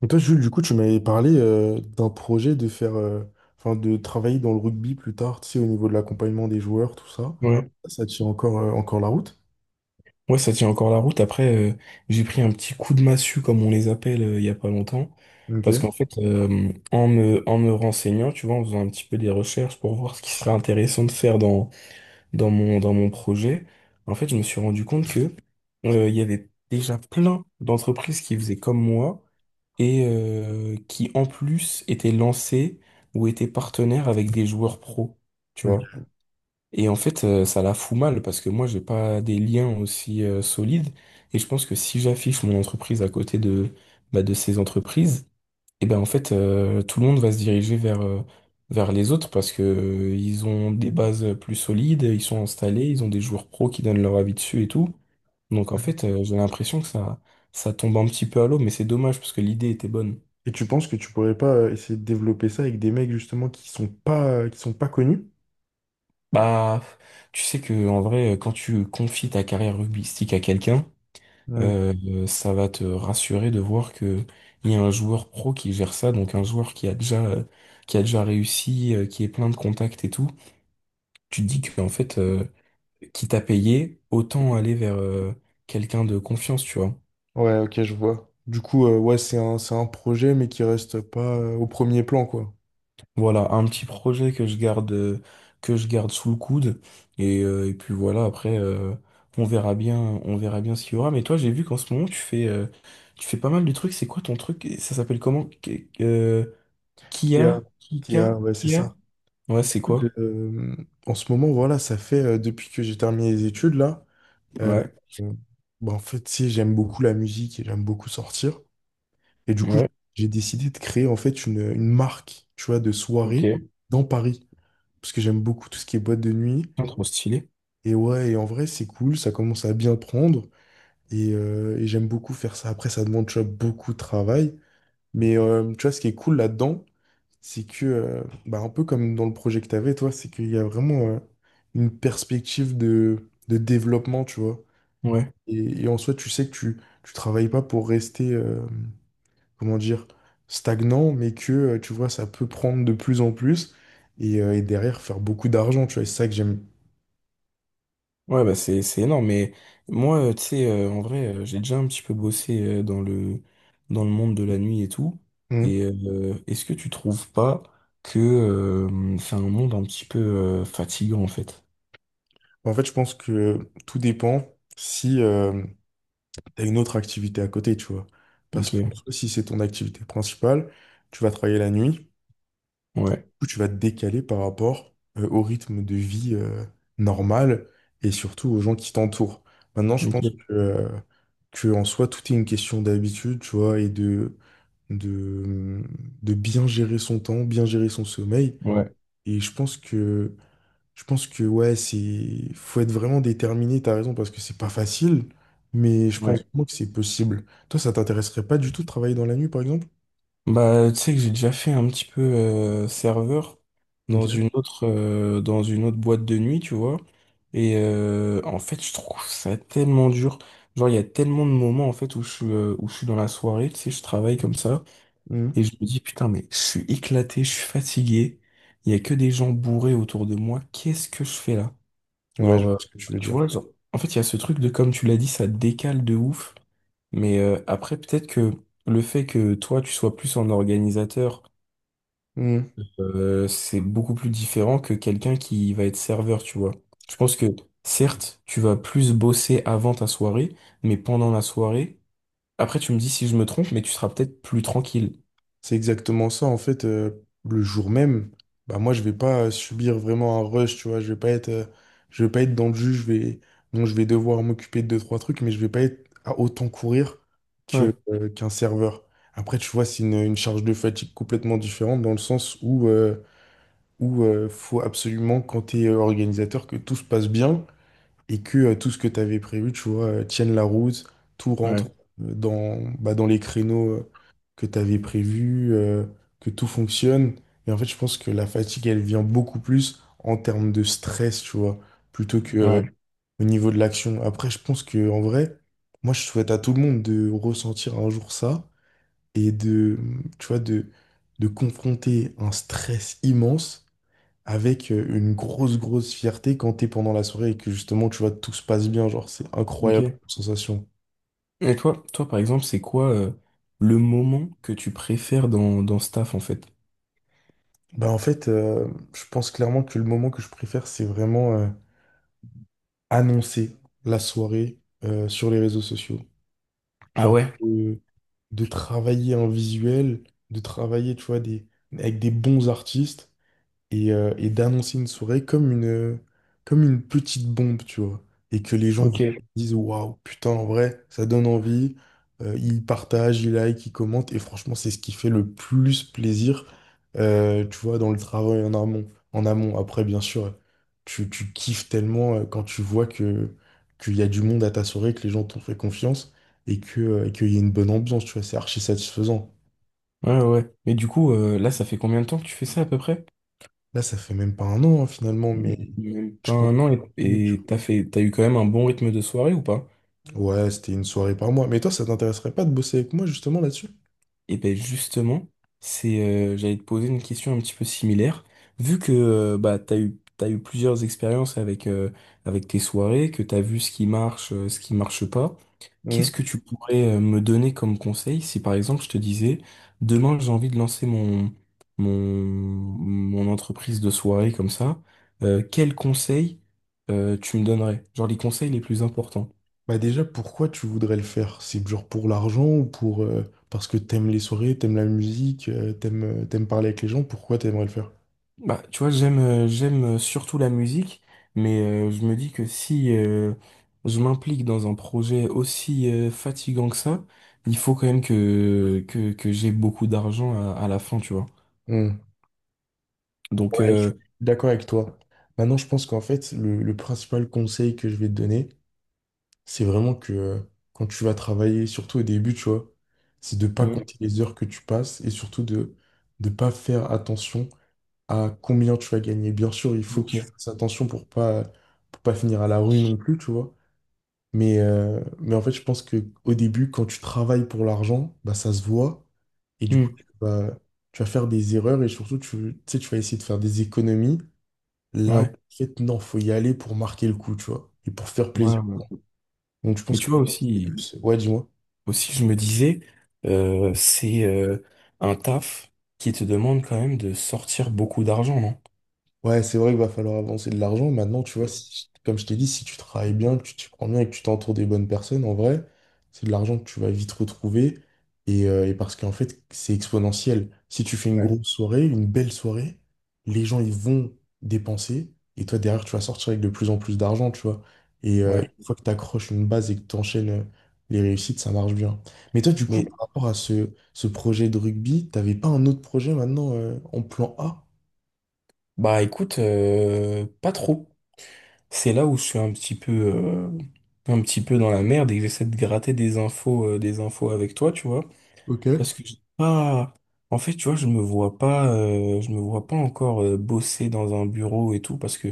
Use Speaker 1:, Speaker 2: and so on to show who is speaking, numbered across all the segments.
Speaker 1: Mais toi, Jules, du coup, tu m'avais parlé d'un projet de faire, enfin, de travailler dans le rugby plus tard, tu sais, au niveau de l'accompagnement des joueurs, tout ça.
Speaker 2: Ouais.
Speaker 1: Ça tient encore, encore la route.
Speaker 2: Ouais, ça tient encore la route. Après, j'ai pris un petit coup de massue, comme on les appelle, il y a pas longtemps. Parce
Speaker 1: Ok.
Speaker 2: qu'en fait, en me renseignant, tu vois, en faisant un petit peu des recherches pour voir ce qui serait intéressant de faire dans mon projet, en fait, je me suis rendu compte que, il y avait déjà plein d'entreprises qui faisaient comme moi et qui, en plus, étaient lancées ou étaient partenaires avec des joueurs pros, tu vois.
Speaker 1: Ok.
Speaker 2: Et en fait, ça la fout mal parce que moi, j'ai pas des liens aussi solides. Et je pense que si j'affiche mon entreprise à côté de, bah, de ces entreprises, et ben en fait, tout le monde va se diriger vers les autres parce que ils ont des bases plus solides, ils sont installés, ils ont des joueurs pros qui donnent leur avis dessus et tout. Donc en fait, j'ai l'impression que ça tombe un petit peu à l'eau, mais c'est dommage parce que l'idée était bonne.
Speaker 1: Et tu penses que tu pourrais pas essayer de développer ça avec des mecs justement qui sont pas connus?
Speaker 2: Bah, tu sais que en vrai, quand tu confies ta carrière rugbystique à quelqu'un,
Speaker 1: Hmm.
Speaker 2: Ça va te rassurer de voir que il y a un joueur pro qui gère ça, donc un joueur qui a déjà réussi, qui est plein de contacts et tout. Tu te dis que en fait, qui t'a payé, autant aller vers quelqu'un de confiance, tu vois.
Speaker 1: Ouais, ok, je vois. Du coup, ouais, c'est un projet, mais qui reste pas au premier plan, quoi.
Speaker 2: Voilà, un petit projet que je garde sous le coude, et puis voilà. Après, on verra bien, on verra bien ce qu'il y aura. Mais toi, j'ai vu qu'en ce moment, tu fais pas mal de trucs. C'est quoi ton truc? Ça s'appelle comment?
Speaker 1: Qui a,
Speaker 2: Kia,
Speaker 1: qui a,
Speaker 2: Kika,
Speaker 1: ouais, c'est
Speaker 2: Kia.
Speaker 1: ça.
Speaker 2: Ouais, c'est
Speaker 1: Écoute,
Speaker 2: quoi?
Speaker 1: en ce moment, voilà, ça fait depuis que j'ai terminé les études là. Euh,
Speaker 2: Ouais,
Speaker 1: euh, Bah, en fait, tu sais, j'aime beaucoup la musique et j'aime beaucoup sortir. Et du coup,
Speaker 2: ouais,
Speaker 1: j'ai décidé de créer en fait une marque, tu vois, de
Speaker 2: ok.
Speaker 1: soirée dans Paris. Parce que j'aime beaucoup tout ce qui est boîte de nuit.
Speaker 2: Putain, trop stylé.
Speaker 1: Et ouais, et en vrai, c'est cool, ça commence à bien prendre. Et j'aime beaucoup faire ça. Après, ça demande, tu vois, beaucoup de travail. Mais tu vois, ce qui est cool là-dedans, c'est que, bah, un peu comme dans le projet que tu avais, toi, c'est qu'il y a vraiment une perspective de développement, tu vois.
Speaker 2: Ouais,
Speaker 1: Et en soi, tu sais que tu travailles pas pour rester, comment dire, stagnant, mais que, tu vois, ça peut prendre de plus en plus et derrière faire beaucoup d'argent, tu vois. Et c'est ça que j'aime.
Speaker 2: ouais, bah c'est énorme. Mais moi, tu sais, en vrai, j'ai déjà un petit peu bossé dans le monde de la nuit et tout. Et
Speaker 1: Mhm.
Speaker 2: est-ce que tu trouves pas que c'est un monde un petit peu fatigant en fait?
Speaker 1: En fait, je pense que tout dépend si tu as une autre activité à côté, tu vois. Parce que
Speaker 2: Ok.
Speaker 1: en soi, si c'est ton activité principale, tu vas travailler la nuit.
Speaker 2: Ouais.
Speaker 1: Coup, tu vas te décaler par rapport au rythme de vie normal et surtout aux gens qui t'entourent. Maintenant, je pense
Speaker 2: Ok.
Speaker 1: que, en soi, tout est une question d'habitude, tu vois, et de, mmh, de bien gérer son temps, bien gérer son sommeil.
Speaker 2: Ouais.
Speaker 1: Et je pense que ouais, faut être vraiment déterminé, t'as raison, parce que c'est pas facile, mais je pense
Speaker 2: Ouais.
Speaker 1: vraiment que c'est possible. Toi, ça t'intéresserait pas du tout de travailler dans la nuit, par exemple?
Speaker 2: Bah, tu sais que j'ai déjà fait un petit peu serveur
Speaker 1: Ok.
Speaker 2: dans une autre boîte de nuit, tu vois. Et en fait, je trouve ça tellement dur. Genre, il y a tellement de moments en fait où je suis dans la soirée, tu sais, je travaille comme ça
Speaker 1: Mhm.
Speaker 2: et je me dis putain, mais je suis éclaté, je suis fatigué. Il y a que des gens bourrés autour de moi. Qu'est-ce que je fais là?
Speaker 1: Ouais, je
Speaker 2: Genre,
Speaker 1: vois
Speaker 2: euh,
Speaker 1: ce que tu veux
Speaker 2: tu
Speaker 1: dire.
Speaker 2: vois, genre, en fait, il y a ce truc de comme tu l'as dit, ça décale de ouf. Mais après, peut-être que le fait que toi, tu sois plus en organisateur
Speaker 1: Mmh.
Speaker 2: c'est beaucoup plus différent que quelqu'un qui va être serveur, tu vois. Je pense que certes, tu vas plus bosser avant ta soirée, mais pendant la soirée, après tu me dis si je me trompe, mais tu seras peut-être plus tranquille.
Speaker 1: C'est exactement ça. En fait, le jour même, bah moi, je vais pas subir vraiment un rush, tu vois. Je vais pas être, je vais pas être dans le jus. Bon, je vais devoir m'occuper de deux, trois trucs, mais je vais pas être à autant courir
Speaker 2: Ouais,
Speaker 1: qu'un serveur. Après, tu vois, c'est une charge de fatigue complètement différente dans le sens où faut absolument, quand tu es organisateur, que tout se passe bien et que tout ce que tu avais prévu, tu vois, tienne la route, tout rentre
Speaker 2: ouais,
Speaker 1: bah, dans les créneaux que tu avais prévus, que tout fonctionne. Et en fait, je pense que la fatigue, elle vient beaucoup plus en termes de stress, tu vois, plutôt que
Speaker 2: ouais.
Speaker 1: au niveau de l'action. Après, je pense que en vrai, moi, je souhaite à tout le monde de ressentir un jour ça et de, tu vois, de confronter un stress immense avec une grosse, grosse fierté quand t'es pendant la soirée et que justement, tu vois, tout se passe bien. Genre, c'est
Speaker 2: Ok.
Speaker 1: incroyable comme sensation.
Speaker 2: Et toi, toi par exemple, c'est quoi le moment que tu préfères dans, dans ce taf en fait?
Speaker 1: Bah, en fait, je pense clairement que le moment que je préfère, c'est vraiment annoncer la soirée sur les réseaux sociaux.
Speaker 2: Ah
Speaker 1: Genre,
Speaker 2: ouais?
Speaker 1: euh, de travailler un visuel, de travailler, tu vois, avec des bons artistes. Et d'annoncer une soirée comme comme une petite bombe, tu vois. Et que les gens
Speaker 2: Ok.
Speaker 1: disent, waouh, putain, en vrai, ça donne envie. Ils partagent, ils like, ils commentent. Et franchement, c'est ce qui fait le plus plaisir, tu vois, dans le travail en amont. En amont. Après, bien sûr, tu kiffes tellement quand tu vois que, qu'il y a du monde à ta soirée, que les gens t'ont fait confiance et qu'il y a une bonne ambiance, tu vois, c'est archi satisfaisant.
Speaker 2: Ouais, ouais. Mais du coup, là, ça fait combien de temps que tu fais ça à peu près?
Speaker 1: Là, ça fait même pas un an, hein, finalement, mais
Speaker 2: Même pas
Speaker 1: je compte.
Speaker 2: un an et t'as eu quand même un bon rythme de soirée ou pas?
Speaker 1: Ouais, c'était une soirée par mois. Mais toi, ça t'intéresserait pas de bosser avec moi justement là-dessus?
Speaker 2: Et ben justement, j'allais te poser une question un petit peu similaire. Vu que bah, t'as eu plusieurs expériences avec, avec tes soirées, que tu as vu ce qui marche pas,
Speaker 1: Hmm.
Speaker 2: qu'est-ce que tu pourrais me donner comme conseil si par exemple je te disais, demain j'ai envie de lancer mon, mon entreprise de soirée comme ça, quels conseils tu me donnerais? Genre les conseils les plus importants.
Speaker 1: Bah déjà, pourquoi tu voudrais le faire? C'est genre pour l'argent ou pour parce que t'aimes les soirées, t'aimes la musique, t'aimes parler avec les gens, pourquoi t'aimerais le faire?
Speaker 2: Bah, tu vois, j'aime surtout la musique, mais je me dis que si je m'implique dans un projet aussi fatigant que ça, il faut quand même que j'ai beaucoup d'argent à la fin, tu vois.
Speaker 1: Hmm. Ouais,
Speaker 2: Donc
Speaker 1: je suis d'accord avec toi. Maintenant, je pense qu'en fait, le principal conseil que je vais te donner, c'est vraiment que quand tu vas travailler, surtout au début, tu vois, c'est de pas
Speaker 2: Mm.
Speaker 1: compter les heures que tu passes et surtout de ne pas faire attention à combien tu vas gagner. Bien sûr, il faut que
Speaker 2: Ok.
Speaker 1: tu fasses attention pour pas finir à la rue non plus, tu vois. Mais en fait, je pense que au début, quand tu travailles pour l'argent, bah, ça se voit. Et du coup, tu
Speaker 2: Mm.
Speaker 1: vas, tu vas faire des erreurs et surtout, tu sais, tu vas essayer de faire des économies là où, en
Speaker 2: Ouais.
Speaker 1: fait, non, faut y aller pour marquer le coup, tu vois, et pour faire
Speaker 2: Ouais,
Speaker 1: plaisir.
Speaker 2: ouais.
Speaker 1: Donc, je
Speaker 2: Mais
Speaker 1: pense que...
Speaker 2: tu vois aussi
Speaker 1: Ouais, dis-moi.
Speaker 2: aussi je me disais c'est un taf qui te demande quand même de sortir beaucoup d'argent, non?
Speaker 1: Ouais, c'est vrai qu'il va falloir avancer de l'argent. Maintenant, tu vois,
Speaker 2: Ouais.
Speaker 1: comme je t'ai dit, si tu travailles bien, que tu t'y prends bien et que tu t'entoures des bonnes personnes, en vrai, c'est de l'argent que tu vas vite retrouver. Et parce qu'en fait, c'est exponentiel. Si tu fais une
Speaker 2: Ouais.
Speaker 1: grosse soirée, une belle soirée, les gens, ils vont dépenser. Et toi, derrière, tu vas sortir avec de plus en plus d'argent, tu vois. Et
Speaker 2: Ouais.
Speaker 1: une fois que tu accroches une base et que tu enchaînes les réussites, ça marche bien. Mais toi, du coup,
Speaker 2: Mais
Speaker 1: par rapport à ce projet de rugby, t'avais pas un autre projet maintenant en plan A?
Speaker 2: bah écoute, pas trop. C'est là où je suis un petit peu dans la merde et que j'essaie de gratter des infos avec toi, tu vois.
Speaker 1: Ok.
Speaker 2: Parce que j'ai pas, en fait, tu vois, je me vois pas, je me vois pas encore bosser dans un bureau et tout parce que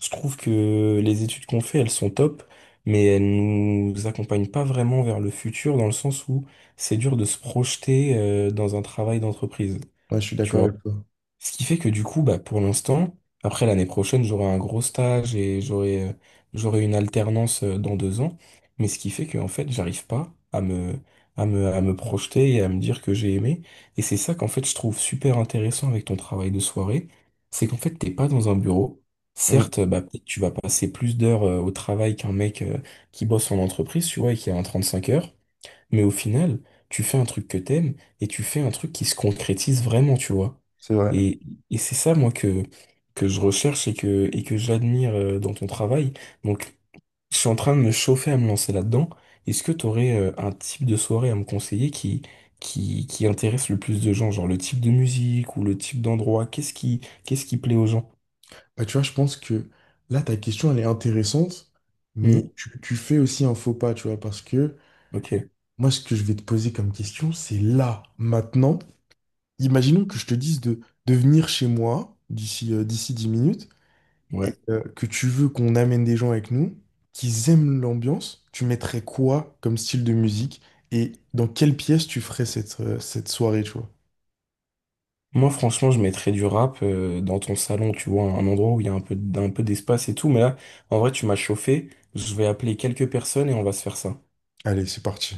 Speaker 2: je trouve que les études qu'on fait, elles sont top, mais elles nous accompagnent pas vraiment vers le futur dans le sens où c'est dur de se projeter, dans un travail d'entreprise.
Speaker 1: Ouais, je suis
Speaker 2: Tu
Speaker 1: d'accord
Speaker 2: vois
Speaker 1: avec toi.
Speaker 2: ce qui fait que du coup, bah, pour l'instant, après l'année prochaine, j'aurai un gros stage et j'aurai une alternance dans 2 ans. Mais ce qui fait que en fait, j'arrive pas à à me projeter et à me dire que j'ai aimé. Et c'est ça qu'en fait, je trouve super intéressant avec ton travail de soirée. C'est qu'en fait, t'es pas dans un bureau.
Speaker 1: Mm,
Speaker 2: Certes, bah, peut-être tu vas passer plus d'heures au travail qu'un mec qui bosse en entreprise, tu vois, et qui a un 35 heures. Mais au final, tu fais un truc que t'aimes et tu fais un truc qui se concrétise vraiment, tu vois.
Speaker 1: c'est vrai.
Speaker 2: Et, et c'est ça, moi, que je recherche et et que j'admire dans ton travail. Donc, je suis en train de me chauffer à me lancer là-dedans. Est-ce que tu aurais un type de soirée à me conseiller qui intéresse le plus de gens? Genre le type de musique ou le type d'endroit? Qu'est-ce qui plaît aux gens?
Speaker 1: Bah, tu vois, je pense que là, ta question, elle est intéressante, mais
Speaker 2: Hmm.
Speaker 1: tu fais aussi un faux pas, tu vois, parce que
Speaker 2: Ok,
Speaker 1: moi, ce que je vais te poser comme question, c'est là, maintenant. Imaginons que je te dise de venir chez moi d'ici 10 minutes et
Speaker 2: ouais.
Speaker 1: que tu veux qu'on amène des gens avec nous qui aiment l'ambiance. Tu mettrais quoi comme style de musique et dans quelle pièce tu ferais cette soirée, tu vois?
Speaker 2: Moi, franchement, je mettrais du rap dans ton salon, tu vois, un endroit où il y a un peu, d- un peu d'espace et tout. Mais là, en vrai, tu m'as chauffé. Je vais appeler quelques personnes et on va se faire ça.
Speaker 1: Allez, c'est parti.